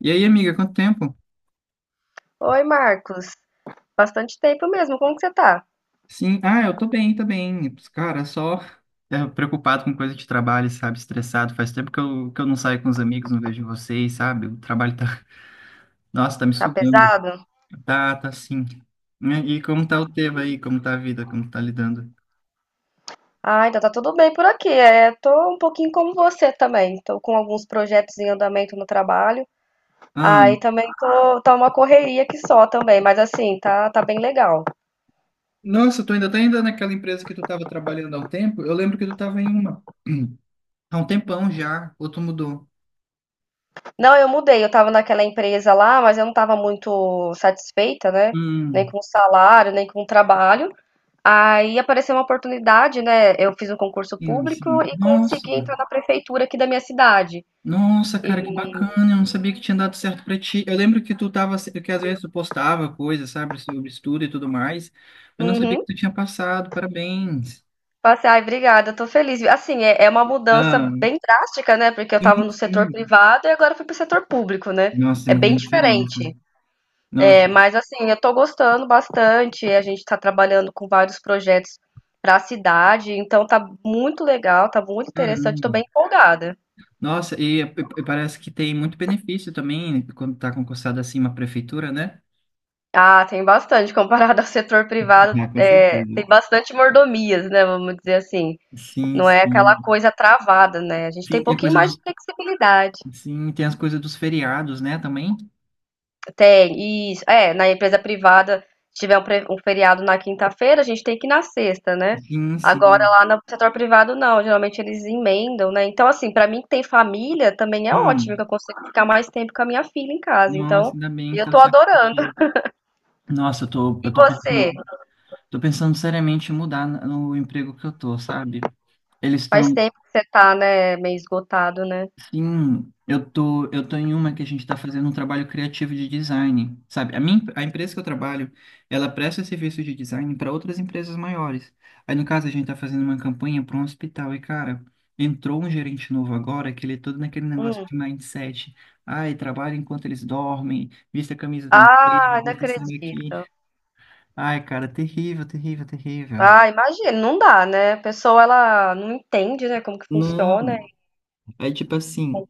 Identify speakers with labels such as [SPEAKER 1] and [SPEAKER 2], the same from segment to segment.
[SPEAKER 1] E aí, amiga, quanto tempo?
[SPEAKER 2] Oi, Marcos. Bastante tempo mesmo. Como que você tá?
[SPEAKER 1] Sim, eu tô bem, tô bem. Cara, só preocupado com coisa de trabalho, sabe? Estressado. Faz tempo que eu não saio com os amigos, não vejo vocês, sabe? O trabalho tá, nossa, tá me
[SPEAKER 2] Tá
[SPEAKER 1] sugando.
[SPEAKER 2] pesado?
[SPEAKER 1] Tá, tá sim. E como tá o tema aí? Como tá a vida? Como tá lidando?
[SPEAKER 2] Ah, então tá tudo bem por aqui. É, tô um pouquinho como você também. Tô com alguns projetos em andamento no trabalho.
[SPEAKER 1] Ah,
[SPEAKER 2] Aí também tô, tá uma correria que só também, mas assim, tá, tá bem legal.
[SPEAKER 1] nossa, tu ainda tá ainda naquela empresa que tu tava trabalhando há um tempo? Eu lembro que tu tava em uma há um tempão já, ou tu mudou?
[SPEAKER 2] Não, eu mudei. Eu tava naquela empresa lá, mas eu não tava muito satisfeita, né? Nem
[SPEAKER 1] Hum,
[SPEAKER 2] com o salário, nem com o trabalho. Aí apareceu uma oportunidade, né? Eu fiz um concurso
[SPEAKER 1] sim,
[SPEAKER 2] público
[SPEAKER 1] sim.
[SPEAKER 2] e
[SPEAKER 1] Nossa.
[SPEAKER 2] consegui entrar na prefeitura aqui da minha cidade.
[SPEAKER 1] Nossa,
[SPEAKER 2] E,
[SPEAKER 1] cara, que bacana. Eu não sabia que tinha dado certo pra ti. Eu lembro que tu tava, que às vezes tu postava coisas, sabe, sobre estudo e tudo mais. Eu não sabia que
[SPEAKER 2] uhum.
[SPEAKER 1] tu tinha passado. Parabéns.
[SPEAKER 2] Passei, ai, obrigada, eu tô feliz. Assim, é, é uma mudança
[SPEAKER 1] Ah,
[SPEAKER 2] bem drástica, né? Porque eu
[SPEAKER 1] sim,
[SPEAKER 2] tava no setor
[SPEAKER 1] sim.
[SPEAKER 2] privado e agora fui pro setor público, né?
[SPEAKER 1] Nossa, tem
[SPEAKER 2] É
[SPEAKER 1] uma
[SPEAKER 2] bem
[SPEAKER 1] grande diferença.
[SPEAKER 2] diferente.
[SPEAKER 1] Nossa,
[SPEAKER 2] É, mas assim, eu tô gostando bastante. A gente tá trabalhando com vários projetos pra cidade, então tá muito legal, tá muito interessante, tô
[SPEAKER 1] caramba.
[SPEAKER 2] bem empolgada.
[SPEAKER 1] Nossa, e parece que tem muito benefício também, né, quando tá concursado assim uma prefeitura, né?
[SPEAKER 2] Ah, tem bastante, comparado ao setor privado,
[SPEAKER 1] Ah, com
[SPEAKER 2] é,
[SPEAKER 1] certeza.
[SPEAKER 2] tem bastante mordomias, né? Vamos dizer assim.
[SPEAKER 1] Sim,
[SPEAKER 2] Não é aquela
[SPEAKER 1] sim.
[SPEAKER 2] coisa travada, né? A gente tem
[SPEAKER 1] Sim,
[SPEAKER 2] um
[SPEAKER 1] tem a
[SPEAKER 2] pouquinho
[SPEAKER 1] coisa
[SPEAKER 2] mais de
[SPEAKER 1] dos,
[SPEAKER 2] flexibilidade.
[SPEAKER 1] sim, tem as coisas dos feriados, né, também?
[SPEAKER 2] Tem, isso. É, na empresa privada, se tiver um, um feriado na quinta-feira, a gente tem que ir na sexta, né?
[SPEAKER 1] Sim,
[SPEAKER 2] Agora
[SPEAKER 1] sim.
[SPEAKER 2] lá no setor privado, não. Geralmente eles emendam, né? Então, assim, pra mim que tem família, também é ótimo, que
[SPEAKER 1] Hum.
[SPEAKER 2] eu consigo ficar mais tempo com a minha filha em casa.
[SPEAKER 1] Nossa,
[SPEAKER 2] Então,
[SPEAKER 1] ainda bem que
[SPEAKER 2] eu
[SPEAKER 1] deu
[SPEAKER 2] tô
[SPEAKER 1] certo pra
[SPEAKER 2] adorando.
[SPEAKER 1] ti. Nossa, eu tô,
[SPEAKER 2] E
[SPEAKER 1] eu tô
[SPEAKER 2] você?
[SPEAKER 1] pensando, tô pensando seriamente em mudar no emprego que eu tô, sabe? Eles
[SPEAKER 2] Faz
[SPEAKER 1] estão,
[SPEAKER 2] tempo que você tá, né, meio esgotado, né?
[SPEAKER 1] sim, eu tô em uma que a gente tá fazendo um trabalho criativo de design, sabe? A empresa que eu trabalho, ela presta serviço de design para outras empresas maiores. Aí, no caso, a gente tá fazendo uma campanha para um hospital e, cara, entrou um gerente novo agora que ele é todo naquele negócio
[SPEAKER 2] Hum.
[SPEAKER 1] de mindset. Ai, trabalha enquanto eles dormem, vista a camisa da empresa,
[SPEAKER 2] Ah, não
[SPEAKER 1] desse sangue aqui.
[SPEAKER 2] acredito.
[SPEAKER 1] Ai, cara, terrível, terrível, terrível.
[SPEAKER 2] Ah, imagina, não dá, né? A pessoa, ela não entende, né, como que funciona.
[SPEAKER 1] Não, é tipo assim,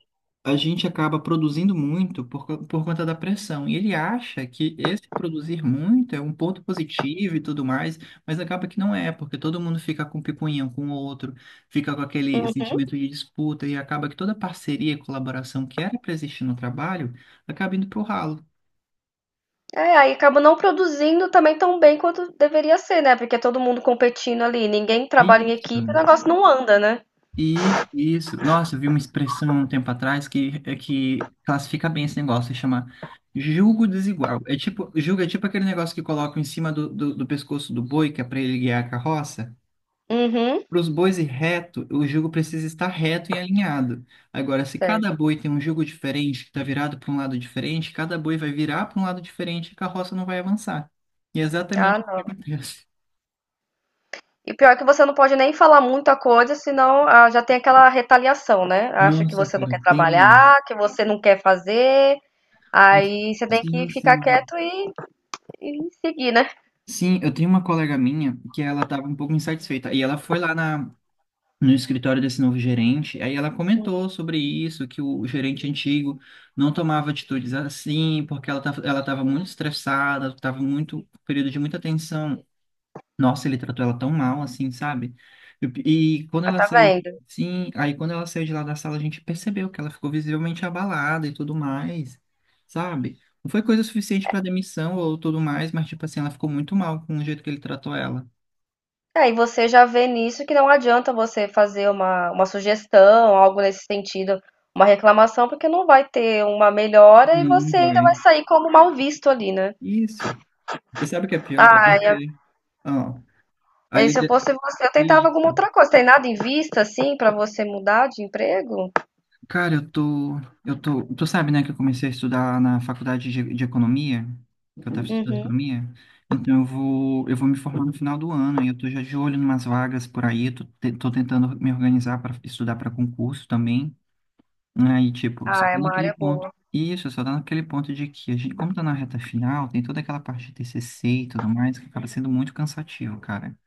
[SPEAKER 1] a gente acaba produzindo muito por conta da pressão. E ele acha que esse produzir muito é um ponto positivo e tudo mais, mas acaba que não é, porque todo mundo fica com picuinha um com o outro, fica com aquele sentimento de disputa e acaba que toda parceria e colaboração que era para existir no trabalho acaba indo pro ralo.
[SPEAKER 2] É, aí acaba não produzindo também tão bem quanto deveria ser, né? Porque é todo mundo competindo ali, ninguém trabalha em
[SPEAKER 1] Isso.
[SPEAKER 2] equipe, o negócio não anda, né?
[SPEAKER 1] Isso, isso. Nossa, eu vi uma expressão um tempo atrás que, é que classifica bem esse negócio, se chama julgo desigual. É tipo, julgo é tipo aquele negócio que colocam em cima do pescoço do boi, que é para ele guiar a carroça.
[SPEAKER 2] Uhum.
[SPEAKER 1] Para os bois ir reto, o jugo precisa estar reto e alinhado. Agora, se cada
[SPEAKER 2] Certo.
[SPEAKER 1] boi tem um jugo diferente, que está virado para um lado diferente, cada boi vai virar para um lado diferente e a carroça não vai avançar. E é
[SPEAKER 2] Ah,
[SPEAKER 1] exatamente o que
[SPEAKER 2] não.
[SPEAKER 1] acontece.
[SPEAKER 2] E pior que você não pode nem falar muita coisa, senão ah, já tem aquela retaliação, né? Acha que
[SPEAKER 1] Nossa,
[SPEAKER 2] você não
[SPEAKER 1] cara,
[SPEAKER 2] quer
[SPEAKER 1] tem.
[SPEAKER 2] trabalhar, que você não quer fazer, aí você tem que
[SPEAKER 1] Sim,
[SPEAKER 2] ficar
[SPEAKER 1] sim.
[SPEAKER 2] quieto e seguir, né?
[SPEAKER 1] Sim, eu tenho uma colega minha que ela estava um pouco insatisfeita e ela foi lá no escritório desse novo gerente, aí ela comentou sobre isso, que o gerente antigo não tomava atitudes assim, porque ela estava muito estressada, estava muito, período de muita tensão. Nossa, ele tratou ela tão mal, assim, sabe? E quando
[SPEAKER 2] Ah,
[SPEAKER 1] ela
[SPEAKER 2] tá
[SPEAKER 1] saiu,
[SPEAKER 2] vendo?
[SPEAKER 1] sim, aí quando ela saiu de lá da sala, a gente percebeu que ela ficou visivelmente abalada e tudo mais, sabe? Não foi coisa suficiente para demissão ou tudo mais, mas, tipo assim, ela ficou muito mal com o jeito que ele tratou ela.
[SPEAKER 2] É, e você já vê nisso que não adianta você fazer uma sugestão, algo nesse sentido, uma reclamação, porque não vai ter uma melhora e
[SPEAKER 1] Não, não
[SPEAKER 2] você ainda vai
[SPEAKER 1] vai.
[SPEAKER 2] sair como mal visto ali, né?
[SPEAKER 1] Isso. E sabe o que é pior? É
[SPEAKER 2] Ah,
[SPEAKER 1] porque, ó, a
[SPEAKER 2] e se eu
[SPEAKER 1] líder...
[SPEAKER 2] fosse você, eu tentava alguma outra coisa. Tem nada em vista, assim, pra você mudar de emprego?
[SPEAKER 1] Cara, tu sabe, né, que eu comecei a estudar na faculdade de economia, que eu tava estudando
[SPEAKER 2] Uhum.
[SPEAKER 1] economia. Então eu vou me formar no final do ano e eu tô já de olho em umas vagas por aí, tô tentando me organizar para estudar para concurso também, aí tipo, só
[SPEAKER 2] Ah, é
[SPEAKER 1] tem
[SPEAKER 2] uma
[SPEAKER 1] aquele
[SPEAKER 2] área
[SPEAKER 1] ponto.
[SPEAKER 2] boa.
[SPEAKER 1] Isso, só tá naquele ponto de que a gente, como tá na reta final, tem toda aquela parte de TCC e tudo mais que acaba sendo muito cansativo, cara.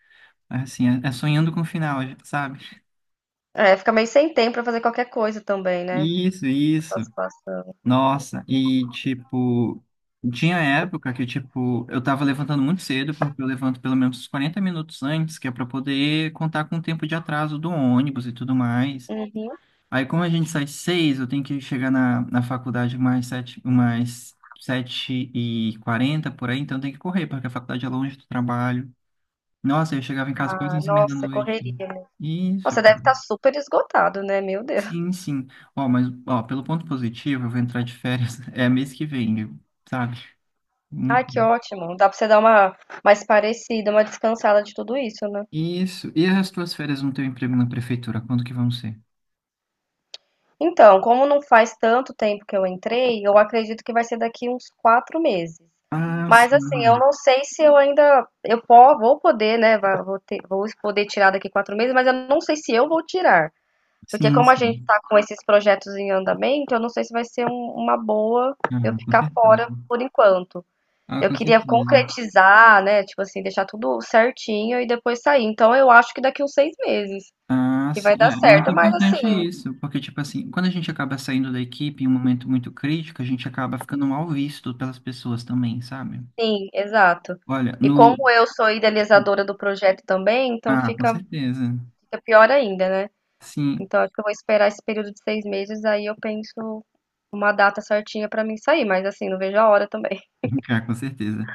[SPEAKER 1] Assim, é, é sonhando com o final, sabe?
[SPEAKER 2] É, fica meio sem tempo pra fazer qualquer coisa também, né?
[SPEAKER 1] Isso,
[SPEAKER 2] Essa
[SPEAKER 1] isso.
[SPEAKER 2] situação.
[SPEAKER 1] Nossa, e tipo, tinha época que tipo, eu tava levantando muito cedo, porque eu levanto pelo menos uns 40 minutos antes, que é pra poder contar com o tempo de atraso do ônibus e tudo mais.
[SPEAKER 2] Uhum.
[SPEAKER 1] Aí como a gente sai 6, eu tenho que chegar na faculdade mais 7:40 por aí, então tem que correr, porque a faculdade é longe do trabalho. Nossa, eu chegava em casa quase
[SPEAKER 2] Ah,
[SPEAKER 1] 11:30 da
[SPEAKER 2] nossa,
[SPEAKER 1] noite.
[SPEAKER 2] correria, né?
[SPEAKER 1] Isso.
[SPEAKER 2] Nossa, deve estar super esgotado, né? Meu Deus.
[SPEAKER 1] Sim, sim. Ó, mas ó, pelo ponto positivo, eu vou entrar de férias, é mês que vem, sabe?
[SPEAKER 2] Ai,
[SPEAKER 1] Muito
[SPEAKER 2] que
[SPEAKER 1] bom.
[SPEAKER 2] ótimo. Dá pra você dar uma mais parecida, uma descansada de tudo isso, né?
[SPEAKER 1] Isso. E as tuas férias no teu emprego na prefeitura, quando que vão ser?
[SPEAKER 2] Então, como não faz tanto tempo que eu entrei, eu acredito que vai ser daqui uns 4 meses.
[SPEAKER 1] Ah,
[SPEAKER 2] Mas assim, eu
[SPEAKER 1] sim.
[SPEAKER 2] não sei se eu ainda vou poder, né? Vou vou poder tirar daqui 4 meses, mas eu não sei se eu vou tirar, porque
[SPEAKER 1] Sim,
[SPEAKER 2] como a gente
[SPEAKER 1] sim.
[SPEAKER 2] tá com esses projetos em andamento, eu não sei se vai ser uma boa eu
[SPEAKER 1] Ah, com
[SPEAKER 2] ficar fora
[SPEAKER 1] certeza.
[SPEAKER 2] por enquanto.
[SPEAKER 1] Ah,
[SPEAKER 2] Eu
[SPEAKER 1] com
[SPEAKER 2] queria
[SPEAKER 1] certeza.
[SPEAKER 2] concretizar, né, tipo assim, deixar tudo certinho e depois sair. Então eu acho que daqui uns 6 meses
[SPEAKER 1] Ah,
[SPEAKER 2] que vai
[SPEAKER 1] sim.
[SPEAKER 2] dar
[SPEAKER 1] É muito
[SPEAKER 2] certo. Mas
[SPEAKER 1] importante
[SPEAKER 2] assim,
[SPEAKER 1] isso, porque, tipo assim, quando a gente acaba saindo da equipe em um momento muito crítico, a gente acaba ficando mal visto pelas pessoas também, sabe?
[SPEAKER 2] sim, exato.
[SPEAKER 1] Olha,
[SPEAKER 2] E como
[SPEAKER 1] no.
[SPEAKER 2] eu sou idealizadora do projeto também, então
[SPEAKER 1] Ah, com
[SPEAKER 2] fica,
[SPEAKER 1] certeza.
[SPEAKER 2] fica pior ainda, né?
[SPEAKER 1] Sim.
[SPEAKER 2] Então acho que eu vou esperar esse período de 6 meses, aí eu penso uma data certinha pra mim sair. Mas assim, não vejo a hora também.
[SPEAKER 1] Ah, com certeza.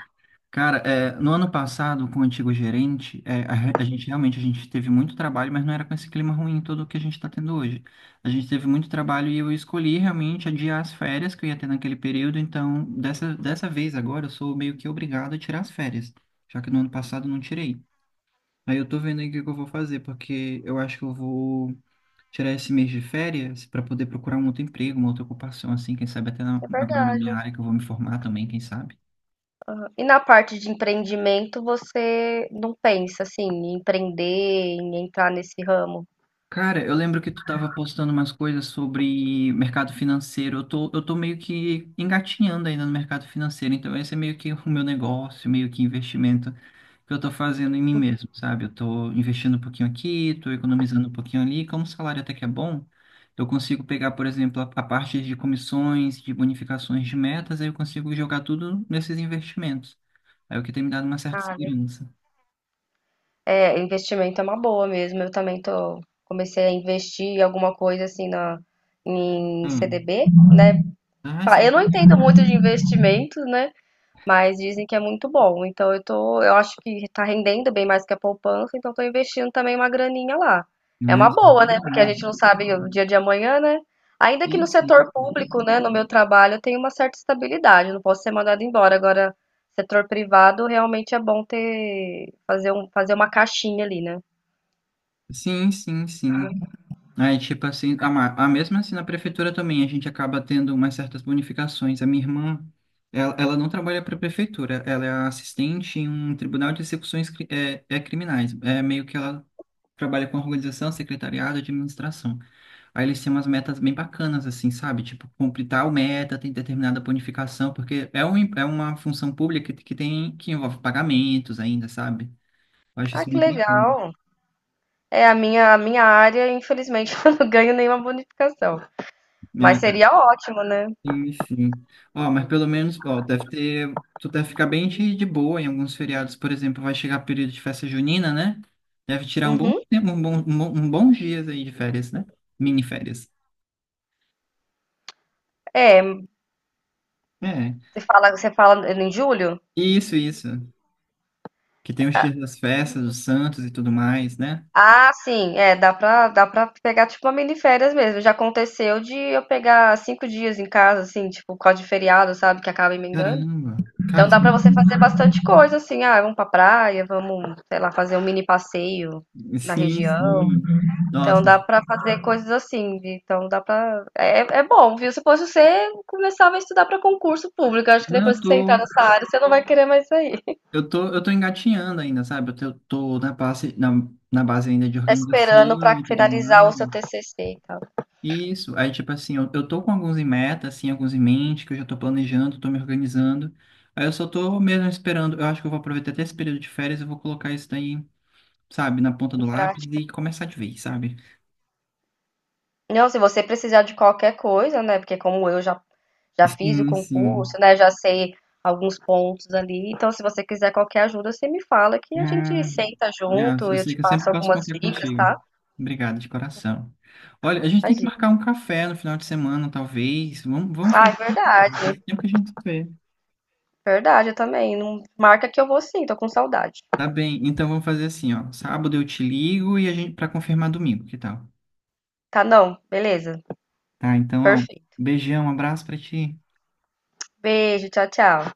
[SPEAKER 1] Cara, é, no ano passado, com o antigo gerente, é, a, re- a gente realmente a gente teve muito trabalho, mas não era com esse clima ruim todo que a gente está tendo hoje. A gente teve muito trabalho e eu escolhi realmente adiar as férias que eu ia ter naquele período, então dessa vez agora eu sou meio que obrigado a tirar as férias, já que no ano passado eu não tirei. Aí eu tô vendo aí o que que eu vou fazer, porque eu acho que eu vou tirar esse mês de férias para poder procurar um outro emprego, uma outra ocupação, assim, quem sabe até na-
[SPEAKER 2] É
[SPEAKER 1] agora na minha
[SPEAKER 2] verdade.
[SPEAKER 1] área que eu vou me formar também, quem sabe.
[SPEAKER 2] E na parte de empreendimento, você não pensa assim, em empreender, em entrar nesse ramo?
[SPEAKER 1] Cara, eu lembro que tu tava postando umas coisas sobre mercado financeiro. Eu tô meio que engatinhando ainda no mercado financeiro, então esse é meio que o meu negócio, meio que investimento que eu tô fazendo em mim mesmo, sabe? Eu tô investindo um pouquinho aqui, tô economizando um pouquinho ali. Como o salário até que é bom, eu consigo pegar, por exemplo, a parte de comissões, de bonificações de metas, aí eu consigo jogar tudo nesses investimentos. Aí o que tem me dado uma certa segurança.
[SPEAKER 2] É, investimento é uma boa mesmo. Eu também tô, comecei a investir em alguma coisa assim na, em
[SPEAKER 1] Hum.
[SPEAKER 2] CDB, né?
[SPEAKER 1] Ah, isso é
[SPEAKER 2] Eu
[SPEAKER 1] muito
[SPEAKER 2] não
[SPEAKER 1] legal.
[SPEAKER 2] entendo muito de investimento, né? Mas dizem que é muito bom. Então eu tô, eu acho que tá rendendo bem mais que a poupança, então tô investindo também uma graninha lá. É
[SPEAKER 1] Ah,
[SPEAKER 2] uma
[SPEAKER 1] isso é
[SPEAKER 2] boa,
[SPEAKER 1] muito
[SPEAKER 2] né? Porque a
[SPEAKER 1] bom.
[SPEAKER 2] gente não sabe o dia de amanhã, né? Ainda que no
[SPEAKER 1] Isso, isso.
[SPEAKER 2] setor público, né, no meu trabalho, eu tenho uma certa estabilidade, não posso ser mandado embora. Agora, setor privado, realmente é bom ter fazer um, fazer uma caixinha ali, né?
[SPEAKER 1] Sim, sim, sim. Aí, tipo assim, a mesma assim na prefeitura também, a gente acaba tendo umas certas bonificações. A minha irmã, ela não trabalha para a prefeitura, ela é assistente em um tribunal de execuções criminais. É meio que ela trabalha com organização, secretariado, administração. Aí eles têm umas metas bem bacanas, assim, sabe? Tipo, cumprir tal meta, tem determinada bonificação, porque é uma função pública que tem, que envolve pagamentos ainda, sabe? Eu acho
[SPEAKER 2] Ah,
[SPEAKER 1] isso
[SPEAKER 2] que
[SPEAKER 1] muito bacana.
[SPEAKER 2] legal. É a minha área, infelizmente, eu não ganho nenhuma bonificação, mas
[SPEAKER 1] É,
[SPEAKER 2] seria ótimo, né?
[SPEAKER 1] sim, sim. Ó, mas pelo menos, ó, deve ter. Tu deve ficar bem de boa em alguns feriados, por exemplo, vai chegar período de festa junina, né? Deve tirar um bom
[SPEAKER 2] Uhum.
[SPEAKER 1] tempo, um bons dias aí de férias, né? Mini férias.
[SPEAKER 2] É,
[SPEAKER 1] É.
[SPEAKER 2] você fala em julho?
[SPEAKER 1] Isso, isso. Que tem os dias das festas, dos santos e tudo mais, né?
[SPEAKER 2] Ah, sim, é, dá pra pegar tipo uma mini férias mesmo. Já aconteceu de eu pegar 5 dias em casa, assim, tipo, por causa de feriado, sabe, que acaba emendando.
[SPEAKER 1] Caramba. Cara,
[SPEAKER 2] Então dá pra
[SPEAKER 1] sim,
[SPEAKER 2] você fazer bastante coisa, assim, ah, vamos pra praia, vamos, sei lá, fazer um mini passeio na
[SPEAKER 1] sim,
[SPEAKER 2] região.
[SPEAKER 1] sim.
[SPEAKER 2] Então
[SPEAKER 1] Nossa.
[SPEAKER 2] dá pra fazer coisas assim, vi? Então dá pra. É, é bom, viu? Se fosse você, começava a estudar pra concurso público. Eu acho que
[SPEAKER 1] Não,
[SPEAKER 2] depois que você entrar nessa área, você não vai querer mais sair.
[SPEAKER 1] eu tô engatinhando ainda, sabe? Eu tô na base, na base ainda de
[SPEAKER 2] Tá esperando
[SPEAKER 1] organização
[SPEAKER 2] pra
[SPEAKER 1] e tudo
[SPEAKER 2] finalizar o
[SPEAKER 1] mais.
[SPEAKER 2] seu TCC e tal.
[SPEAKER 1] Isso, aí tipo assim, eu tô com alguns em meta, assim, alguns em mente, que eu já tô planejando, tô me organizando. Aí eu só tô mesmo esperando, eu acho que eu vou aproveitar até esse período de férias, eu vou colocar isso daí, sabe, na ponta do
[SPEAKER 2] Pra
[SPEAKER 1] lápis e começar de vez, sabe?
[SPEAKER 2] Não, se você precisar de qualquer coisa, né? Porque como eu já, já fiz o
[SPEAKER 1] Sim,
[SPEAKER 2] concurso,
[SPEAKER 1] sim.
[SPEAKER 2] né? Já sei alguns pontos ali. Então, se você quiser qualquer ajuda, você me fala que a gente
[SPEAKER 1] Ah,
[SPEAKER 2] senta
[SPEAKER 1] ah,
[SPEAKER 2] junto,
[SPEAKER 1] eu
[SPEAKER 2] eu
[SPEAKER 1] sei
[SPEAKER 2] te
[SPEAKER 1] que eu sempre
[SPEAKER 2] passo
[SPEAKER 1] posso
[SPEAKER 2] algumas
[SPEAKER 1] contar
[SPEAKER 2] dicas,
[SPEAKER 1] contigo.
[SPEAKER 2] tá?
[SPEAKER 1] Obrigado, de coração. Olha, a gente tem que
[SPEAKER 2] Imagina.
[SPEAKER 1] marcar um café no final de semana, talvez. Vamos, vamos
[SPEAKER 2] Ah, é
[SPEAKER 1] fazer isso. Esse
[SPEAKER 2] verdade.
[SPEAKER 1] tempo que a gente se vê.
[SPEAKER 2] Verdade, eu também. Não marca que eu vou sim, tô com saudade.
[SPEAKER 1] Tá bem, então vamos fazer assim, ó. Sábado eu te ligo e a gente para confirmar domingo, que tal?
[SPEAKER 2] Tá, não. Beleza.
[SPEAKER 1] Tá, então, ó, um
[SPEAKER 2] Perfeito.
[SPEAKER 1] beijão, um abraço pra ti.
[SPEAKER 2] Beijo, tchau, tchau.